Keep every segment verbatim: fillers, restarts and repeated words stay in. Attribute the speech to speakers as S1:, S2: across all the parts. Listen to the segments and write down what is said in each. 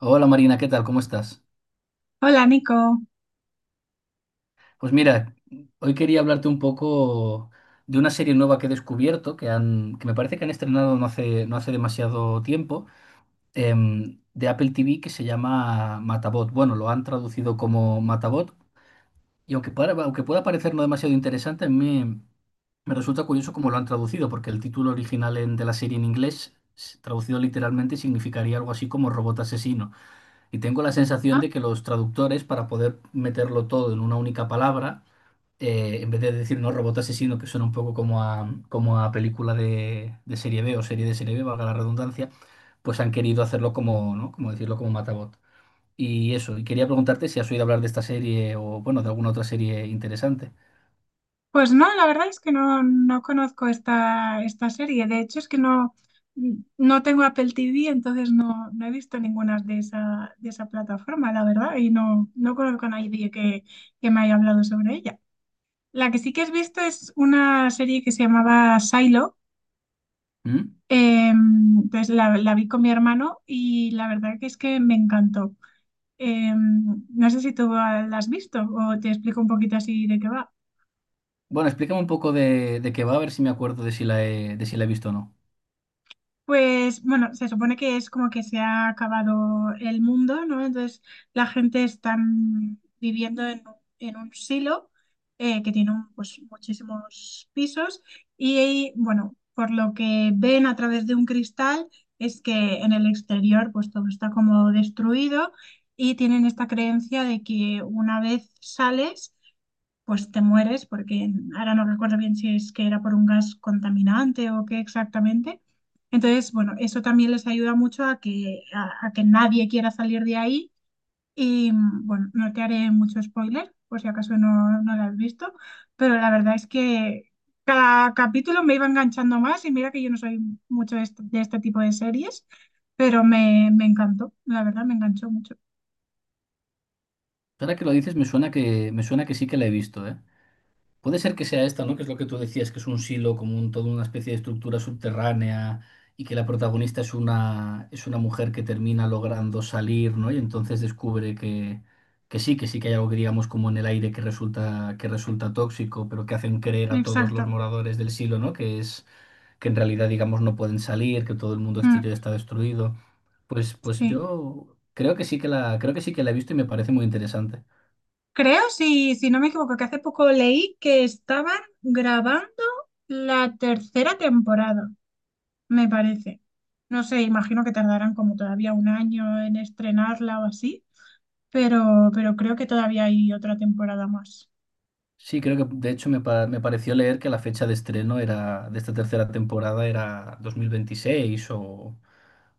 S1: Hola Marina, ¿qué tal? ¿Cómo estás?
S2: Hola, Nico.
S1: Pues mira, hoy quería hablarte un poco de una serie nueva que he descubierto, que han, que me parece que han estrenado no hace, no hace demasiado tiempo, em, de Apple T V que se llama Matabot. Bueno, lo han traducido como Matabot y aunque, para- aunque pueda parecer no demasiado interesante, a mí me, me resulta curioso cómo lo han traducido, porque el título original en- de la serie en inglés, s- traducido literalmente, significaría algo así como robot asesino. Y tengo la sensación
S2: Ah,
S1: de que los traductores, para poder meterlo todo en una única palabra, eh, en vez de decir no robot asesino, que suena un poco como a, como a película de, de serie B o serie de serie B, valga la redundancia, pues han querido hacerlo como, ¿no? Como decirlo como Matabot. Y eso, y quería preguntarte si has oído hablar de esta serie o, bueno, de alguna otra serie interesante.
S2: pues no, la verdad es que no, no conozco esta, esta serie. De hecho, es que no, no tengo Apple T V, entonces no, no he visto ninguna de esa, de esa plataforma, la verdad, y no, no conozco a nadie que, que me haya hablado sobre ella. La que sí que has visto es una serie que se llamaba Silo.
S1: ¿Mm?
S2: Eh, pues la, la vi con mi hermano y la verdad que es que me encantó. Eh, no sé si tú la has visto o te explico un poquito así de qué va.
S1: Bueno, explícame un poco de, de qué va, a ver si me acuerdo de si la he, de si la he visto o no.
S2: Pues bueno, se supone que es como que se ha acabado el mundo, ¿no? Entonces la gente está viviendo en, en un silo eh, que tiene un- pues, muchísimos pisos y bueno, por lo que ven a través de un cristal es que en el exterior pues todo está como destruido y tienen esta creencia de que una vez sales pues te mueres, porque ahora no recuerdo bien si es que era por un gas contaminante o qué exactamente. Entonces, bueno, eso también les ayuda mucho a que, a, a que nadie quiera salir de ahí. Y bueno, no te haré mucho spoiler, por si acaso no, no lo has visto, pero la verdad es que cada capítulo me iba enganchando más y mira que yo no soy mucho de este, de este tipo de series, pero me, me encantó, la verdad me enganchó mucho.
S1: Ahora que lo dices, me suena que, me suena que sí que la he visto, ¿eh? Puede ser que sea esta, ¿no? Que es lo que tú decías, que es un silo, como un, toda una especie de estructura subterránea y que la protagonista es una, es una mujer que termina logrando salir, ¿no? Y entonces descubre que, que sí, que sí que hay algo que digamos como en el aire que resulta, que resulta tóxico, pero que hacen creer a todos
S2: Exacto.
S1: los moradores del silo, ¿no? Que es que en realidad, digamos, no pueden salir, que todo el mundo
S2: Mm,
S1: exterior está destruido. Pues, pues
S2: sí.
S1: yo creo que sí que la, creo que sí que la he visto y me parece muy interesante.
S2: Creo, si, si no me equivoco, que hace poco leí que estaban grabando la tercera temporada, me parece. No sé, imagino que tardarán como todavía un año en estrenarla o así, pero, pero creo que todavía hay otra temporada más.
S1: Sí, creo que de hecho me, pa- me pareció leer que la fecha de estreno era de esta tercera temporada era dos mil veintiséis o,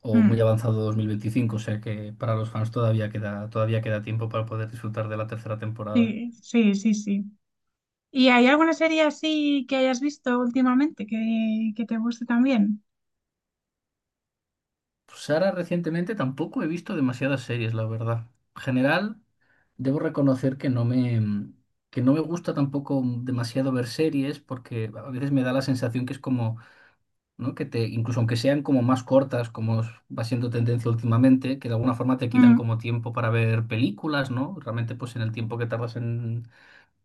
S1: o muy
S2: Mm,
S1: avanzado dos mil veinticinco, o sea que para los fans todavía queda, todavía queda tiempo para poder disfrutar de la tercera temporada.
S2: sí, sí, sí, sí. ¿Y hay alguna serie así que hayas visto últimamente que, que te guste también?
S1: Pues ahora recientemente tampoco he visto demasiadas series, la verdad. En general, debo reconocer que no me, que no me gusta tampoco demasiado ver series porque a veces me da la sensación que es como ¿no? Que te, incluso aunque sean como más cortas, como es- va siendo tendencia últimamente, que de alguna forma te quitan
S2: Mm.
S1: como tiempo para ver películas, ¿no? Realmente, pues en el tiempo que tardas en,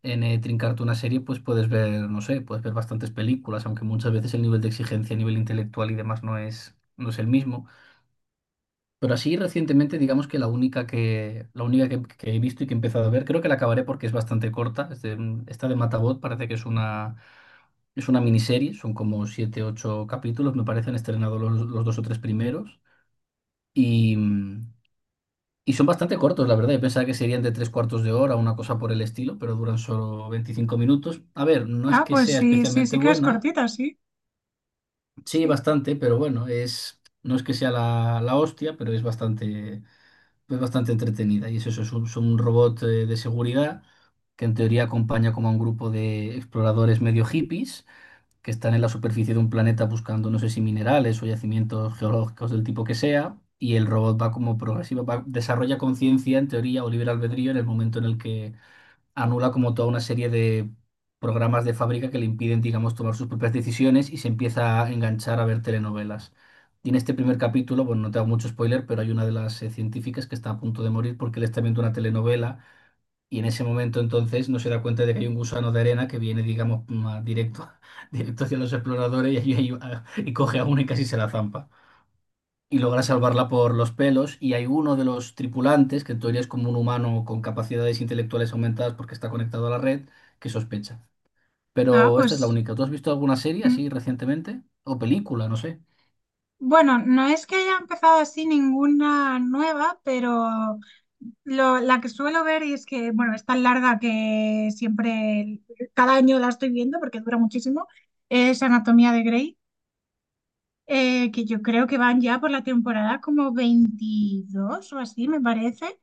S1: en eh, trincarte una serie, pues puedes ver, no sé, puedes ver bastantes películas, aunque muchas veces el nivel de exigencia a nivel intelectual y demás no es, no es el mismo. Pero así recientemente, digamos que la única que, la única que, que he visto y que he empezado a ver, creo que la acabaré porque es bastante corta. Es de- mm, esta de Matabot parece que es una, es una miniserie, son como siete, ocho capítulos, me parecen estrenados los, los dos o tres primeros. Y, mm, y son bastante cortos, la verdad. Yo pensaba que serían de tres cuartos de hora, una cosa por el estilo, pero duran solo veinticinco minutos. A ver, no es
S2: Ah,
S1: que
S2: pues
S1: sea
S2: sí, sí,
S1: especialmente
S2: sí que es
S1: buena,
S2: cortita, sí.
S1: sí,
S2: Sí.
S1: bastante, pero bueno, es, no es que sea la, la hostia, pero es bastante. Es bastante entretenida. Y es eso, es un, son un robot eh, de seguridad que en teoría acompaña como a un grupo de exploradores medio hippies que están en la superficie de un planeta buscando, no sé si minerales o yacimientos geológicos del tipo que sea. Y el robot va como progresivo va- desarrolla conciencia en teoría o libre albedrío en el momento en el que anula como toda una serie de programas de fábrica que le impiden, digamos, tomar sus propias decisiones y se empieza a enganchar a ver telenovelas. Y en este primer capítulo, bueno, no te hago mucho spoiler, pero hay una de las eh, científicas que está a punto de morir porque él está viendo una telenovela y en ese momento entonces no se da cuenta de que hay un gusano de arena que viene, digamos, mm, a- directo, directo hacia los exploradores y, ahí- ahí va- y coge a una y casi se la zampa y logra salvarla por los pelos. Y hay uno de los tripulantes, que en teoría es como un humano con capacidades intelectuales aumentadas porque está conectado a la red, que sospecha.
S2: Ah,
S1: Pero esta es la
S2: pues.
S1: única. ¿Tú has visto alguna serie
S2: Hmm.
S1: así recientemente? O película, no sé.
S2: Bueno, no es que haya empezado así ninguna nueva, pero lo- la que suelo ver y es que, bueno, es tan larga que siempre, cada año la estoy viendo porque dura muchísimo, es Anatomía de Grey, eh, que yo creo que van ya por la temporada como veintidós o así, me parece.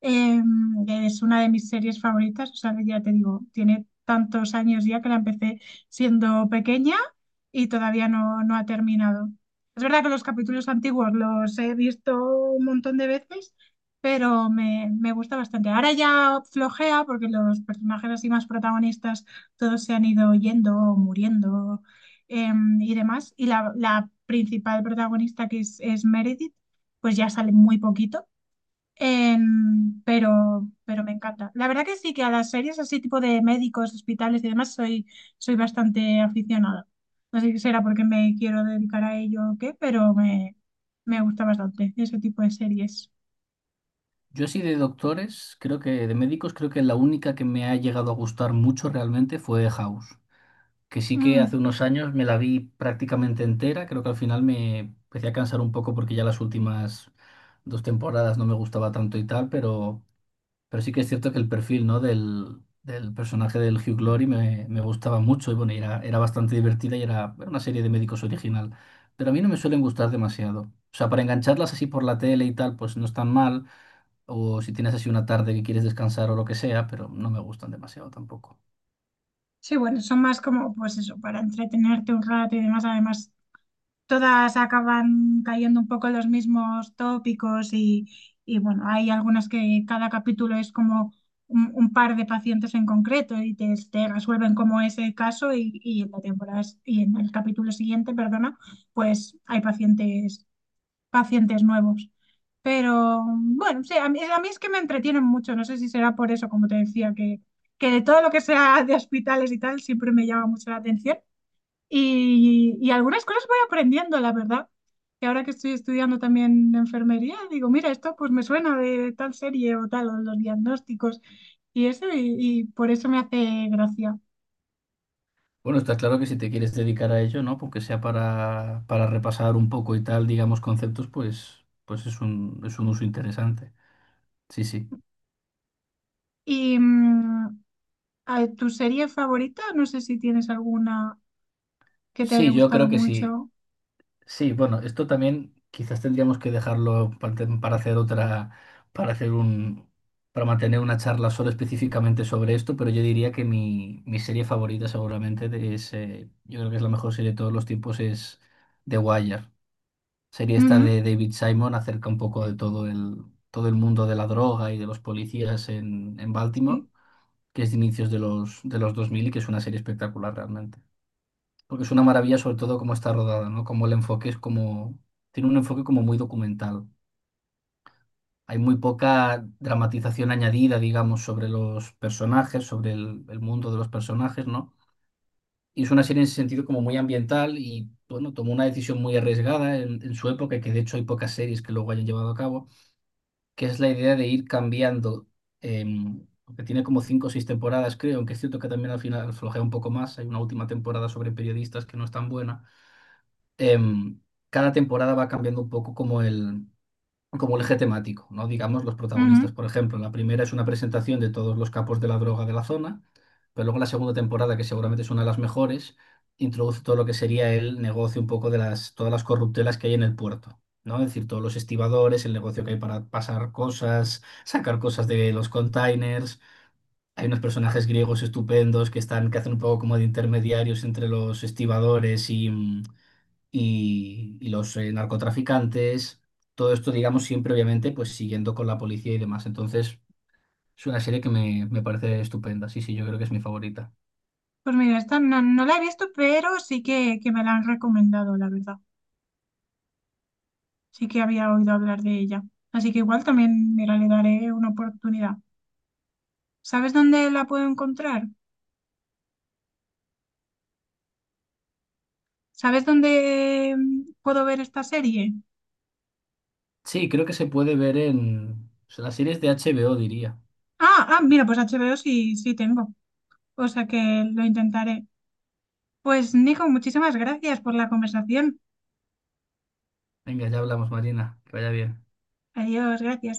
S2: Eh, es una de mis series favoritas, o sea, que ya te digo, tiene tantos años ya que la empecé siendo pequeña y todavía no, no ha terminado. Es verdad que los capítulos antiguos los he visto un montón de veces, pero me, me gusta bastante. Ahora ya flojea porque los personajes así más protagonistas todos se han ido yendo, o muriendo eh, y demás. Y la, la principal protagonista que es, es Meredith, pues ya sale muy poquito. Em, pero, pero me encanta. La verdad que sí, que a las series así tipo de médicos, hospitales y demás soy, soy bastante aficionada. No sé si será porque me quiero dedicar a ello o qué, pero me, me gusta bastante ese tipo de series.
S1: Yo sí de doctores, creo que de médicos, creo que la única que me ha llegado a gustar mucho realmente fue House, que sí que
S2: Mm.
S1: hace unos años me la vi prácticamente entera, creo que al final me empecé a cansar un poco porque ya las últimas dos temporadas no me gustaba tanto y tal, pero Pero sí que es cierto que el perfil, ¿no? del, del personaje del Hugh Glory me, me gustaba mucho y bueno, y era, era bastante divertida y era, era una serie de médicos original. Pero a mí no me suelen gustar demasiado. O sea, para engancharlas así por la tele y tal, pues no están mal. O si tienes así una tarde que quieres descansar o lo que sea, pero no me gustan demasiado tampoco.
S2: Sí, bueno, son más como, pues eso, para entretenerte un rato y demás. Además, todas acaban cayendo un poco en los mismos tópicos y, y, bueno, hay algunas que cada capítulo es como un, un par de pacientes en concreto y te, te resuelven como ese caso y, y en la temporada y en el capítulo siguiente, perdona, pues hay pacientes, pacientes nuevos. Pero bueno, sí, a mí, a mí es que me entretienen mucho, no sé si será por eso, como te decía, que, que de todo lo que sea de hospitales y tal siempre me llama mucho la atención. Y, y algunas cosas voy aprendiendo, la verdad. Que ahora que estoy estudiando también enfermería, digo, mira, esto pues me suena de tal serie o tal, o los diagnósticos y eso, y, y por eso me hace gracia.
S1: Bueno, está claro que si te quieres dedicar a ello, ¿no? Porque sea para, para repasar un poco y tal, digamos, conceptos, pues, pues es un, es un uso interesante. Sí, sí.
S2: Y mm, a- tu serie favorita, no sé si tienes alguna que te haya
S1: Sí, yo
S2: gustado
S1: creo que sí.
S2: mucho.
S1: Sí, bueno, esto también quizás tendríamos que dejarlo pa- para hacer otra, para hacer un, para mantener una charla solo específicamente sobre esto, pero yo diría que mi, mi serie favorita seguramente de- es, eh, yo creo que es la mejor serie de todos los tiempos, es The Wire. Serie esta
S2: Ujú,
S1: de David Simon acerca un poco de todo el, todo el mundo de la droga y de los policías en, en Baltimore,
S2: sí,
S1: que es de inicios de los, de los dos mil y que es una serie espectacular realmente porque es una maravilla sobre todo cómo está rodada, ¿no? Como el enfoque es como, tiene un enfoque como muy documental. Hay muy poca dramatización añadida, digamos, sobre los personajes, sobre el, el mundo de los personajes, ¿no? Y es una serie en ese sentido como muy ambiental y, bueno, tomó una decisión muy arriesgada en, en su época, que de hecho hay pocas series que luego hayan llevado a cabo, que es la idea de ir cambiando, em, porque tiene como cinco o seis temporadas, creo, aunque es cierto que también al final flojea un poco más, hay una última temporada sobre periodistas que no es tan buena. em, cada temporada va cambiando un poco como el, como el eje temático, ¿no? Digamos, los protagonistas.
S2: ujú.
S1: Por ejemplo, la primera es una presentación de todos los capos de la droga de la zona, pero luego la segunda temporada, que seguramente es una de las mejores, introduce todo lo que sería el negocio un poco de las, todas las corruptelas que hay en el puerto. ¿No? Es decir, todos los estibadores, el negocio que hay para pasar cosas, sacar cosas de los containers. Hay unos personajes griegos estupendos que están, que hacen un poco como de intermediarios entre los estibadores y, mm, y, y los eh, narcotraficantes, todo esto, digamos, siempre obviamente, pues siguiendo con la policía y demás. Entonces, es una serie que me, me parece estupenda. Sí, sí, yo creo que es mi favorita.
S2: Pues mira, esta no, no la he visto, pero sí que, que me la han recomendado, la verdad. Sí que había oído hablar de ella. Así que igual también, mira, le daré una oportunidad. ¿Sabes dónde la puedo encontrar? ¿Sabes dónde mm, puedo ver esta serie?
S1: Sí, creo que se puede ver en, o sea, las series de H B O, diría.
S2: Ah, ah, mira, pues H B O sí, sí tengo. O sea que lo intentaré. Pues Nico, muchísimas gracias por la conversación.
S1: Venga, ya hablamos, Marina. Que vaya bien.
S2: Adiós, gracias.